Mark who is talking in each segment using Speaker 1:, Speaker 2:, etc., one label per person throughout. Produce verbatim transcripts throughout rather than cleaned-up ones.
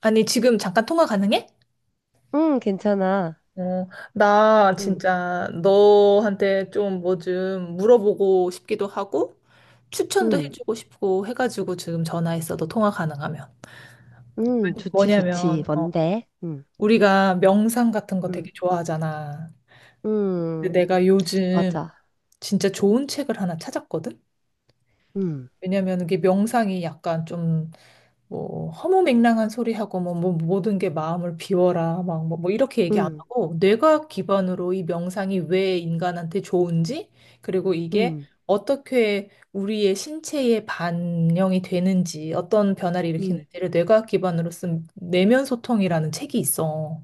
Speaker 1: 아니, 지금 잠깐 통화 가능해?
Speaker 2: 응, 괜찮아.
Speaker 1: 어, 나
Speaker 2: 응,
Speaker 1: 진짜 너한테 좀 뭐 좀 물어보고 싶기도 하고, 추천도
Speaker 2: 응,
Speaker 1: 해주고 싶고 해가지고 지금 전화했어. 너 통화 가능하면.
Speaker 2: 응, 좋지, 좋지.
Speaker 1: 뭐냐면, 어,
Speaker 2: 뭔데? 응,
Speaker 1: 우리가 명상 같은 거
Speaker 2: 응,
Speaker 1: 되게 좋아하잖아. 근데
Speaker 2: 응,
Speaker 1: 내가 요즘
Speaker 2: 맞아.
Speaker 1: 진짜 좋은 책을 하나 찾았거든?
Speaker 2: 응,
Speaker 1: 왜냐면 이게 명상이 약간 좀 뭐 허무맹랑한 소리하고 뭐, 뭐 모든 게 마음을 비워라 막뭐 뭐 이렇게 얘기 안
Speaker 2: 응,
Speaker 1: 하고 뇌과학 기반으로 이 명상이 왜 인간한테 좋은지 그리고 이게
Speaker 2: 응,
Speaker 1: 어떻게 우리의 신체에 반영이 되는지 어떤 변화를
Speaker 2: 응.
Speaker 1: 일으키는지를 뇌과학 기반으로 쓴 내면 소통이라는 책이 있어.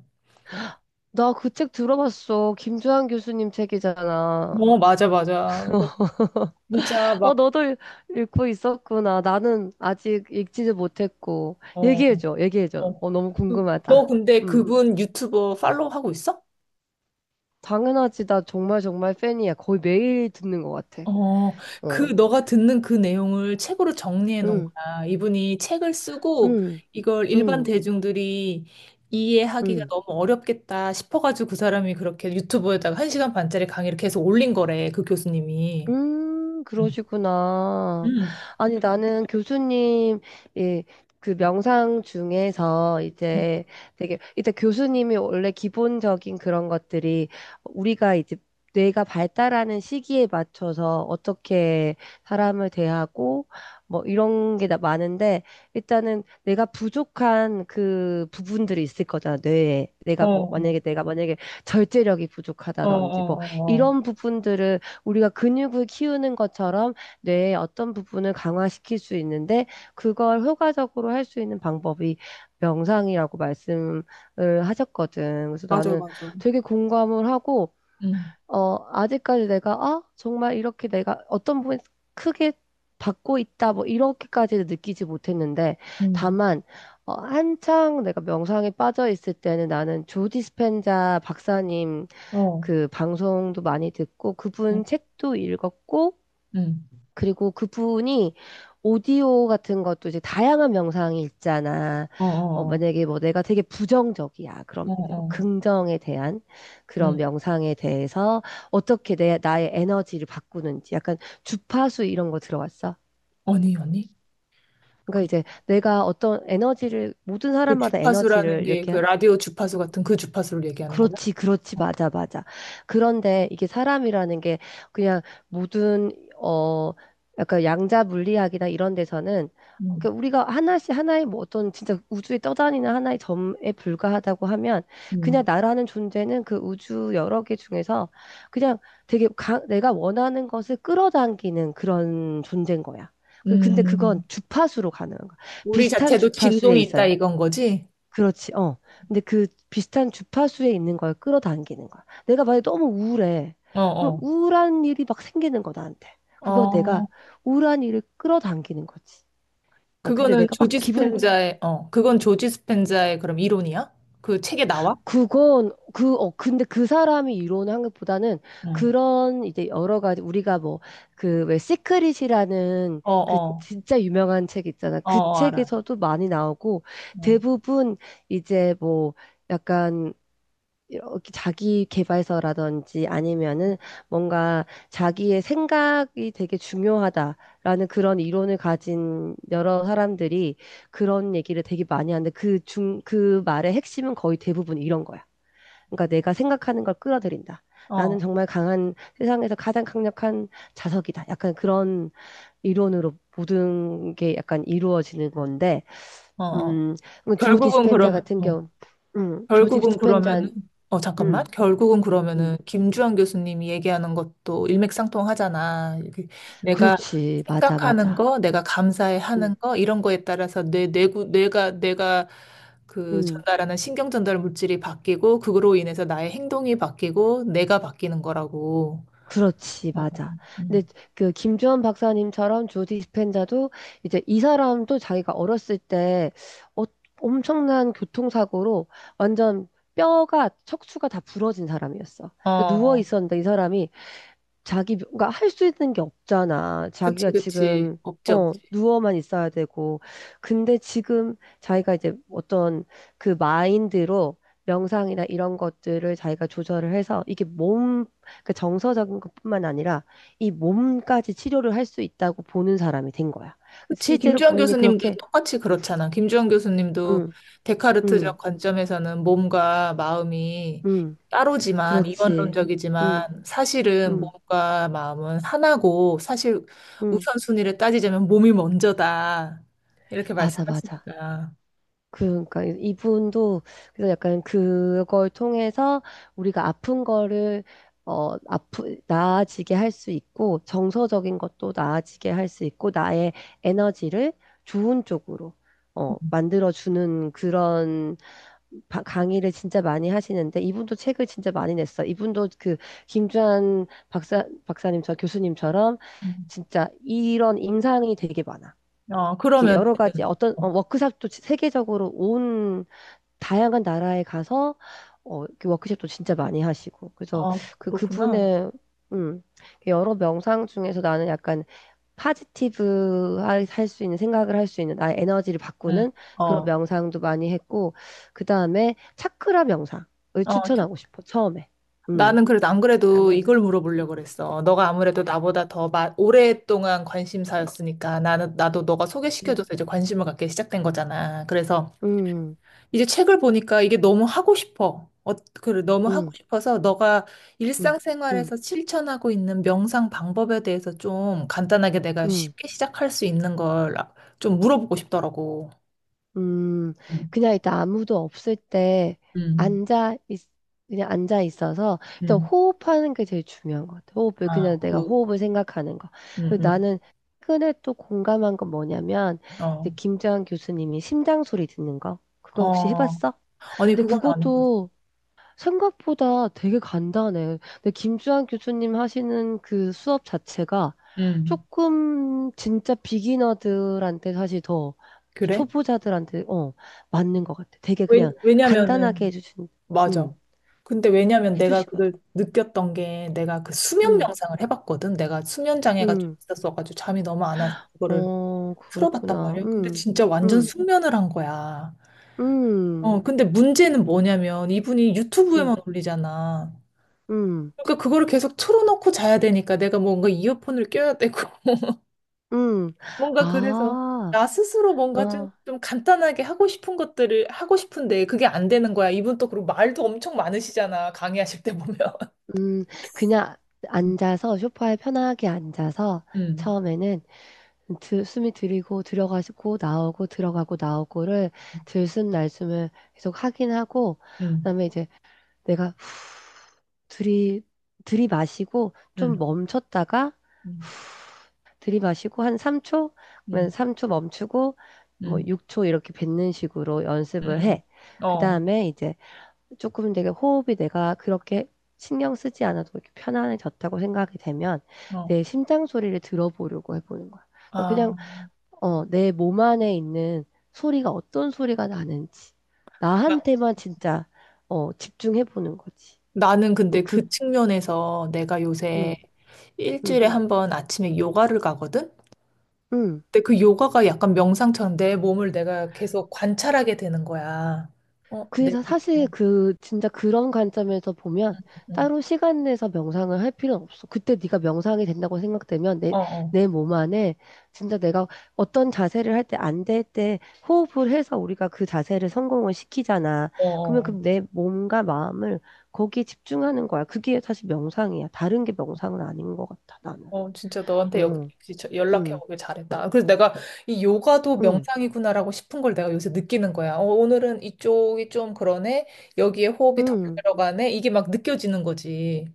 Speaker 2: 나 그 책 들어봤어. 김주한 교수님 책이잖아.
Speaker 1: 어 맞아 맞아. 그래서 진짜
Speaker 2: 어,
Speaker 1: 막
Speaker 2: 너도 읽- 읽고 있었구나. 나는 아직 읽지도 못했고.
Speaker 1: 어,
Speaker 2: 얘기해줘, 얘기해줘.
Speaker 1: 어.
Speaker 2: 어, 너무
Speaker 1: 그- 너
Speaker 2: 궁금하다.
Speaker 1: 근데
Speaker 2: 응,
Speaker 1: 그분 유튜버 팔로우 하고 있어?
Speaker 2: 당연하지. 나 정말 정말 팬이야. 거의 매일 듣는 것 같아.
Speaker 1: 어, 그,
Speaker 2: 어,
Speaker 1: 너가 듣는 그 내용을 책으로 정리해 놓은
Speaker 2: 응,
Speaker 1: 거야. 이분이 책을 쓰고
Speaker 2: 응,
Speaker 1: 이걸 일반
Speaker 2: 응,
Speaker 1: 대중들이 이해하기가
Speaker 2: 응.
Speaker 1: 너무 어렵겠다 싶어가지고 그 사람이 그렇게 유튜브에다가 한시간 반짜리 강의를 계속 올린 거래, 그 교수님이.
Speaker 2: 음,
Speaker 1: 응.
Speaker 2: 그러시구나.
Speaker 1: 응.
Speaker 2: 아니, 나는 교수님, 예, 그 명상 중에서 이제 되게, 일단 교수님이 원래 기본적인 그런 것들이 우리가 이제 뇌가 발달하는 시기에 맞춰서 어떻게 사람을 대하고 뭐 이런 게 다 많은데, 일단은 내가 부족한 그 부분들이 있을 거잖아, 뇌에.
Speaker 1: 어,
Speaker 2: 내가 뭐,
Speaker 1: 어,
Speaker 2: 만약에 내가 만약에 절제력이
Speaker 1: 어,
Speaker 2: 부족하다든지 뭐
Speaker 1: 어, 어.
Speaker 2: 이런 부분들을, 우리가 근육을 키우는 것처럼 뇌의 어떤 부분을 강화시킬 수 있는데, 그걸 효과적으로 할 수 있는 방법이 명상이라고 말씀을 하셨거든. 그래서
Speaker 1: 맞아,
Speaker 2: 나는
Speaker 1: 맞아.
Speaker 2: 되게 공감을 하고,
Speaker 1: 응.
Speaker 2: 어 아직까지 내가 아 정말 이렇게 내가 어떤 부분 크게 받고 있다 뭐 이렇게까지 느끼지 못했는데,
Speaker 1: 응,
Speaker 2: 다만 어, 한창 내가 명상에 빠져 있을 때는 나는 조 디스펜자 박사님
Speaker 1: 어,
Speaker 2: 그 방송도 많이 듣고
Speaker 1: 응.
Speaker 2: 그분 책도 읽었고,
Speaker 1: 응.
Speaker 2: 그리고 그분이 오디오 같은 것도 이제 다양한 명상이 있잖아.
Speaker 1: 어,
Speaker 2: 어,
Speaker 1: 어,
Speaker 2: 만약에 뭐 내가 되게 부정적이야. 그럼
Speaker 1: 어,
Speaker 2: 이제
Speaker 1: 어,
Speaker 2: 뭐
Speaker 1: 어.
Speaker 2: 긍정에 대한 그런
Speaker 1: 응.
Speaker 2: 명상에 대해서 어떻게 내, 나의 에너지를 바꾸는지 약간 주파수 이런 거 들어왔어.
Speaker 1: 아니, 아니.
Speaker 2: 그러니까
Speaker 1: 그,
Speaker 2: 이제 내가 어떤 에너지를 모든
Speaker 1: 그
Speaker 2: 사람마다
Speaker 1: 주파수라는
Speaker 2: 에너지를
Speaker 1: 게 그
Speaker 2: 이렇게.
Speaker 1: 라디오 주파수 같은 그 주파수를 얘기하는 거야?
Speaker 2: 그렇지, 그렇지, 맞아, 맞아. 그런데 이게 사람이라는 게 그냥 모든, 어, 약간 양자 물리학이나 이런 데서는, 그러니까 우리가 하나씩 하나의 뭐 어떤 진짜 우주에 떠다니는 하나의 점에 불과하다고 하면, 그냥
Speaker 1: 음.
Speaker 2: 나라는 존재는 그 우주 여러 개 중에서 그냥 되게 가, 내가 원하는 것을 끌어당기는 그런 존재인 거야. 그- 근데 그건
Speaker 1: 음.
Speaker 2: 주파수로 가능한 거야.
Speaker 1: 우리
Speaker 2: 비슷한
Speaker 1: 자체도
Speaker 2: 주파수에
Speaker 1: 진동이
Speaker 2: 있어.
Speaker 1: 있다 이건 거지?
Speaker 2: 그렇지, 어. 근데 그 비슷한 주파수에 있는 걸 끌어당기는 거야. 내가 만약에 너무 우울해.
Speaker 1: 어,
Speaker 2: 그럼
Speaker 1: 어.
Speaker 2: 우울한 일이 막 생기는 거, 나한테. 그거 내가
Speaker 1: 어,
Speaker 2: 우울한 일을 끌어당기는 거지. 어, 근데
Speaker 1: 그거는
Speaker 2: 내가 막
Speaker 1: 조지
Speaker 2: 기분,
Speaker 1: 스펜자의, 어, 그건 조지 스펜자의 그럼 이론이야? 그 책에 나와?
Speaker 2: 그건, 그, 어, 근데 그 사람이 이루는 한것보다는
Speaker 1: 응.
Speaker 2: 그런 이제 여러 가지, 우리가 뭐, 그 왜 시크릿이라는
Speaker 1: 어,
Speaker 2: 그
Speaker 1: 어,
Speaker 2: 진짜 유명한 책 있잖아.
Speaker 1: 어,
Speaker 2: 그
Speaker 1: 어, 알아.
Speaker 2: 책에서도 많이 나오고
Speaker 1: 어,
Speaker 2: 대부분 이제 뭐, 약간 이렇게 자기 개발서라든지 아니면은 뭔가 자기의 생각이 되게 중요하다라는 그런 이론을 가진 여러 사람들이 그런 얘기를 되게 많이 하는데 그 중, 그 말의 핵심은 거의 대부분 이런 거야. 그러니까 내가 생각하는 걸 끌어들인다. 나는
Speaker 1: 어,
Speaker 2: 정말 강한 세상에서 가장 강력한 자석이다. 약간 그런 이론으로 모든 게 약간 이루어지는 건데,
Speaker 1: 어, 어.
Speaker 2: 음, 조
Speaker 1: 결국은
Speaker 2: 디스펜자
Speaker 1: 그러면,
Speaker 2: 같은
Speaker 1: 어,
Speaker 2: 경우, 음, 조
Speaker 1: 결국은
Speaker 2: 디스펜자,
Speaker 1: 그러면은, 어, 잠깐만.
Speaker 2: 음.
Speaker 1: 결국은
Speaker 2: 음.
Speaker 1: 그러면은, 김주환 교수님이 얘기하는 것도 일맥상통하잖아. 이게 내가
Speaker 2: 그렇지. 맞아,
Speaker 1: 생각하는
Speaker 2: 맞아.
Speaker 1: 거, 내가 감사해
Speaker 2: 음,
Speaker 1: 하는 거, 이런 거에 따라서 내 뇌구, 뇌가, 내가 그
Speaker 2: 음,
Speaker 1: 전달하는 신경 전달 물질이 바뀌고, 그거로 인해서 나의 행동이 바뀌고, 내가 바뀌는 거라고.
Speaker 2: 그렇지,
Speaker 1: 어,
Speaker 2: 맞아. 근데
Speaker 1: 음.
Speaker 2: 그 김주원 박사님처럼 조디 스펜자도 이제 이 사람도 자기가 어렸을 때 어- 엄청난 교통사고로 완전 뼈가 척추가 다 부러진 사람이었어. 누워
Speaker 1: 어,
Speaker 2: 있었는데 이 사람이 자기, 가 할 수 있는 게 없잖아.
Speaker 1: 그치,
Speaker 2: 자기가
Speaker 1: 그치.
Speaker 2: 지금,
Speaker 1: 없지,
Speaker 2: 어,
Speaker 1: 없지.
Speaker 2: 누워만 있어야 되고. 근데 지금 자기가 이제 어떤 그 마인드로 명상이나 이런 것들을 자기가 조절을 해서 이게 몸, 그 정서적인 것뿐만 아니라 이 몸까지 치료를 할 수 있다고 보는 사람이 된 거야.
Speaker 1: 그치.
Speaker 2: 실제로
Speaker 1: 김주환
Speaker 2: 본인이
Speaker 1: 교수님도
Speaker 2: 그렇게,
Speaker 1: 똑같이 그렇잖아. 김주환 교수님도
Speaker 2: 응, 응,
Speaker 1: 데카르트적 관점에서는 몸과 마음이
Speaker 2: 응,
Speaker 1: 따로지만,
Speaker 2: 그렇지. 응,
Speaker 1: 이원론적이지만, 사실은
Speaker 2: 응,
Speaker 1: 몸과 마음은 하나고, 사실
Speaker 2: 응.
Speaker 1: 우선순위를 따지자면 몸이 먼저다. 이렇게
Speaker 2: 맞아, 맞아.
Speaker 1: 말씀하시니까.
Speaker 2: 그, 그러니까 이분도 그래서 약간 그걸 통해서 우리가 아픈 거를 어 아프 나아지게 할 수 있고 정서적인 것도 나아지게 할 수 있고 나의 에너지를 좋은 쪽으로
Speaker 1: 음,
Speaker 2: 어 만들어 주는 그런 바- 강의를 진짜 많이 하시는데 이분도 책을 진짜 많이 냈어. 이분도 그 김주한 박사 박사님 저 교수님처럼
Speaker 1: 음.
Speaker 2: 진짜 이런 임상이 되게 많아.
Speaker 1: 어,
Speaker 2: 이렇게
Speaker 1: 그러면,
Speaker 2: 여러 가지 어떤
Speaker 1: 어,
Speaker 2: 어, 워크샵도 세계적으로 온 다양한 나라에 가서 어, 이렇게 워크숍도 진짜 많이 하시고 그래서
Speaker 1: 어,
Speaker 2: 그
Speaker 1: 그렇구나.
Speaker 2: 그분의 음, 여러 명상 중에서 나는 약간 파지티브 할 수 있는 생각을 할 수 있는 나의 에너지를
Speaker 1: 음,
Speaker 2: 바꾸는 그런
Speaker 1: 어,
Speaker 2: 명상도 많이 했고, 그 다음에 차크라 명상을
Speaker 1: 어,
Speaker 2: 추천하고 싶어 처음에. 음.
Speaker 1: 나는 그래도 안
Speaker 2: 차크라
Speaker 1: 그래도
Speaker 2: 명상.
Speaker 1: 이걸 물어보려고 그랬어. 너가 아무래도 나보다 더 마- 오랫동안 관심사였으니까 나는 나도 너가
Speaker 2: 음
Speaker 1: 소개시켜줘서 이제 관심을 갖게 시작된 거잖아. 그래서
Speaker 2: 음
Speaker 1: 이제 책을 보니까 이게 너무 하고 싶어. 어, 그래, 너무 하고
Speaker 2: 음
Speaker 1: 싶어서 너가
Speaker 2: 음음
Speaker 1: 일상생활에서 실천하고 있는 명상 방법에 대해서 좀 간단하게 내가
Speaker 2: 음
Speaker 1: 쉽게 시작할 수 있는 걸 아, 좀 물어보고 싶더라고.
Speaker 2: 음,
Speaker 1: 응,
Speaker 2: 그냥 일단 아무도 없을 때
Speaker 1: 응,
Speaker 2: 앉아, 있, 그냥 앉아 있어서 일단
Speaker 1: 응.
Speaker 2: 호흡하는 게 제일 중요한 것 같아. 호흡을,
Speaker 1: 아,
Speaker 2: 그냥 내가
Speaker 1: 그,
Speaker 2: 호흡을 생각하는 거.
Speaker 1: 응,
Speaker 2: 그리고
Speaker 1: 응.
Speaker 2: 나는 최근에 또 공감한 건 뭐냐면, 이제
Speaker 1: 어,
Speaker 2: 김재환 교수님이 심장 소리 듣는 거. 그거 혹시
Speaker 1: 어.
Speaker 2: 해봤어?
Speaker 1: 아니,
Speaker 2: 근데
Speaker 1: 그건 안 해봤어.
Speaker 2: 그것도 생각보다 되게 간단해. 근데 김주환 교수님 하시는 그 수업 자체가
Speaker 1: 응.
Speaker 2: 조금 진짜 비기너들한테 사실 더
Speaker 1: 그래?
Speaker 2: 초보자들한테 어 맞는 것 같아. 되게
Speaker 1: 왜,
Speaker 2: 그냥 간단하게
Speaker 1: 왜냐면은,
Speaker 2: 해주신,
Speaker 1: 맞아.
Speaker 2: 음
Speaker 1: 근데 왜냐면 내가
Speaker 2: 해주시거든.
Speaker 1: 그걸 느꼈던 게 내가 그 수면
Speaker 2: 음,
Speaker 1: 명상을 해봤거든. 내가 수면 장애가 좀
Speaker 2: 음,
Speaker 1: 있었어가지고 잠이 너무 안 와서 그거를
Speaker 2: 어
Speaker 1: 풀어봤단
Speaker 2: 그랬구나.
Speaker 1: 말이야. 근데
Speaker 2: 음,
Speaker 1: 진짜 완전
Speaker 2: 음,
Speaker 1: 숙면을 한 거야.
Speaker 2: 음,
Speaker 1: 어, 근데 문제는 뭐냐면 이분이
Speaker 2: 음,
Speaker 1: 유튜브에만 올리잖아.
Speaker 2: 음,
Speaker 1: 그러니까 그거를 계속 틀어놓고 자야 되니까 내가 뭔가 이어폰을 껴야 되고.
Speaker 2: 음.
Speaker 1: 뭔가 그래서
Speaker 2: 아,
Speaker 1: 나 스스로 뭔가 좀,
Speaker 2: 어,
Speaker 1: 좀 간단하게 하고 싶은 것들을 하고 싶은데 그게 안 되는 거야. 이분 또 그리고 말도 엄청 많으시잖아. 강의하실 때 보면.
Speaker 2: 음, 그냥 앉아서 소파에 편하게 앉아서
Speaker 1: 음,
Speaker 2: 처음에는 드, 숨이 들이고 들어가고 나오고 들어가고 나오고를 들숨 날숨을 계속 하긴 하고,
Speaker 1: 음,
Speaker 2: 그다음에 이제 내가 후, 들이 들이마시고 좀
Speaker 1: 음,
Speaker 2: 멈췄다가
Speaker 1: 음,
Speaker 2: 들이마시고 한 삼 초.
Speaker 1: 음,
Speaker 2: 그러면 삼 초 멈추고 뭐
Speaker 1: 음,
Speaker 2: 육 초 이렇게 뱉는 식으로 연습을
Speaker 1: 음.
Speaker 2: 해.
Speaker 1: 어,
Speaker 2: 그다음에 이제 조금 되게 호흡이 내가 그렇게 신경 쓰지 않아도 이렇게 편안해졌다고 생각이 되면
Speaker 1: 어.
Speaker 2: 내 심장 소리를 들어보려고 해보는 거야. 그냥
Speaker 1: 아,
Speaker 2: 어, 내 몸 안에 있는 소리가 어떤 소리가 나는지.
Speaker 1: 나,
Speaker 2: 나한테만 진짜, 어, 집중해 보는 거지.
Speaker 1: 나는
Speaker 2: 어,
Speaker 1: 근데
Speaker 2: 그,
Speaker 1: 그 측면에서 내가
Speaker 2: 음,
Speaker 1: 요새
Speaker 2: 음,
Speaker 1: 일주일에 한번 아침에 요가를 가거든?
Speaker 2: 음.
Speaker 1: 근데 그 요가가 약간 명상처럼 내 몸을 내가 계속 관찰하게 되는 거야. 어, 내
Speaker 2: 그래서
Speaker 1: 느낌. 어,
Speaker 2: 사실 그 진짜 그런 관점에서 보면 따로 시간 내서 명상을 할 필요는 없어. 그때 네가 명상이 된다고 생각되면 내
Speaker 1: 어, 어.
Speaker 2: 내 몸 안에 진짜 내가 어떤 자세를 할 때 안 될 때 호흡을 해서 우리가 그 자세를 성공을 시키잖아.
Speaker 1: 어,
Speaker 2: 그러면
Speaker 1: 어,
Speaker 2: 그럼 내 몸과 마음을 거기에 집중하는 거야. 그게 사실 명상이야. 다른 게 명상은 아닌 것 같아. 나는.
Speaker 1: 어, 진짜 너한테 역-
Speaker 2: 응,
Speaker 1: 역시 저-
Speaker 2: 응,
Speaker 1: 연락해보길 잘했다. 아, 그래서 내가 이 요가도
Speaker 2: 응,
Speaker 1: 명상이구나라고 싶은 걸 내가 요새 느끼는 거야. 어, 오늘은 이쪽이 좀 그러네. 여기에 호흡이 덜
Speaker 2: 응.
Speaker 1: 들어가네. 이게 막 느껴지는 거지.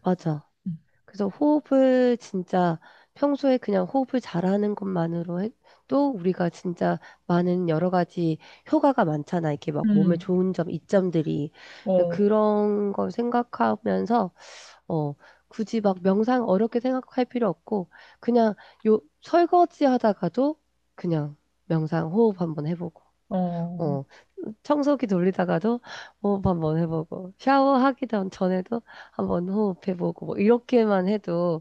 Speaker 2: 맞아.
Speaker 1: 음,
Speaker 2: 그래서 호흡을 진짜 평소에 그냥 호흡을 잘하는 것만으로 해- 또 우리가 진짜 많은 여러 가지 효과가 많잖아. 이렇게 막 몸에
Speaker 1: 음,
Speaker 2: 좋은 점, 이점들이.
Speaker 1: 어,
Speaker 2: 그런 걸 생각하면서, 어, 굳이 막 명상 어렵게 생각할 필요 없고, 그냥 요 설거지 하다가도 그냥 명상 호흡 한번 해보고.
Speaker 1: 어,
Speaker 2: 어, 청소기 돌리다가도 호흡 한번 해보고, 샤워하기 전- 전에도 한번 호흡해보고, 뭐, 이렇게만 해도,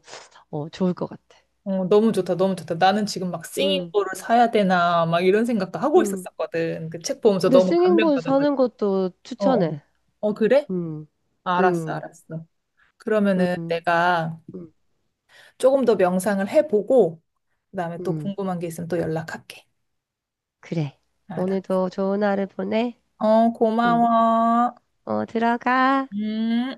Speaker 2: 어, 좋을 것 같아.
Speaker 1: 어, 너무 좋다, 너무 좋다. 나는 지금 막
Speaker 2: 음,
Speaker 1: 싱잉볼을 사야 되나, 막 이런 생각도 하고
Speaker 2: 음.
Speaker 1: 있었었거든. 그 책 보면서
Speaker 2: 근데
Speaker 1: 너무
Speaker 2: 싱잉볼 사는
Speaker 1: 감명받아가지고.
Speaker 2: 것도
Speaker 1: 어, 어,
Speaker 2: 추천해.
Speaker 1: 어, 그래?
Speaker 2: 음,
Speaker 1: 아, 알았어,
Speaker 2: 음,
Speaker 1: 알았어. 그러면은
Speaker 2: 음,
Speaker 1: 내가
Speaker 2: 음,
Speaker 1: 조금 더 명상을 해보고, 그다음에 또
Speaker 2: 음.
Speaker 1: 궁금한 게 있으면 또 연락할게.
Speaker 2: 그래.
Speaker 1: 알았어.
Speaker 2: 오늘도 좋은 하루 보내.
Speaker 1: 어,
Speaker 2: 음,
Speaker 1: 고마워.
Speaker 2: 어, 들어가.
Speaker 1: 음.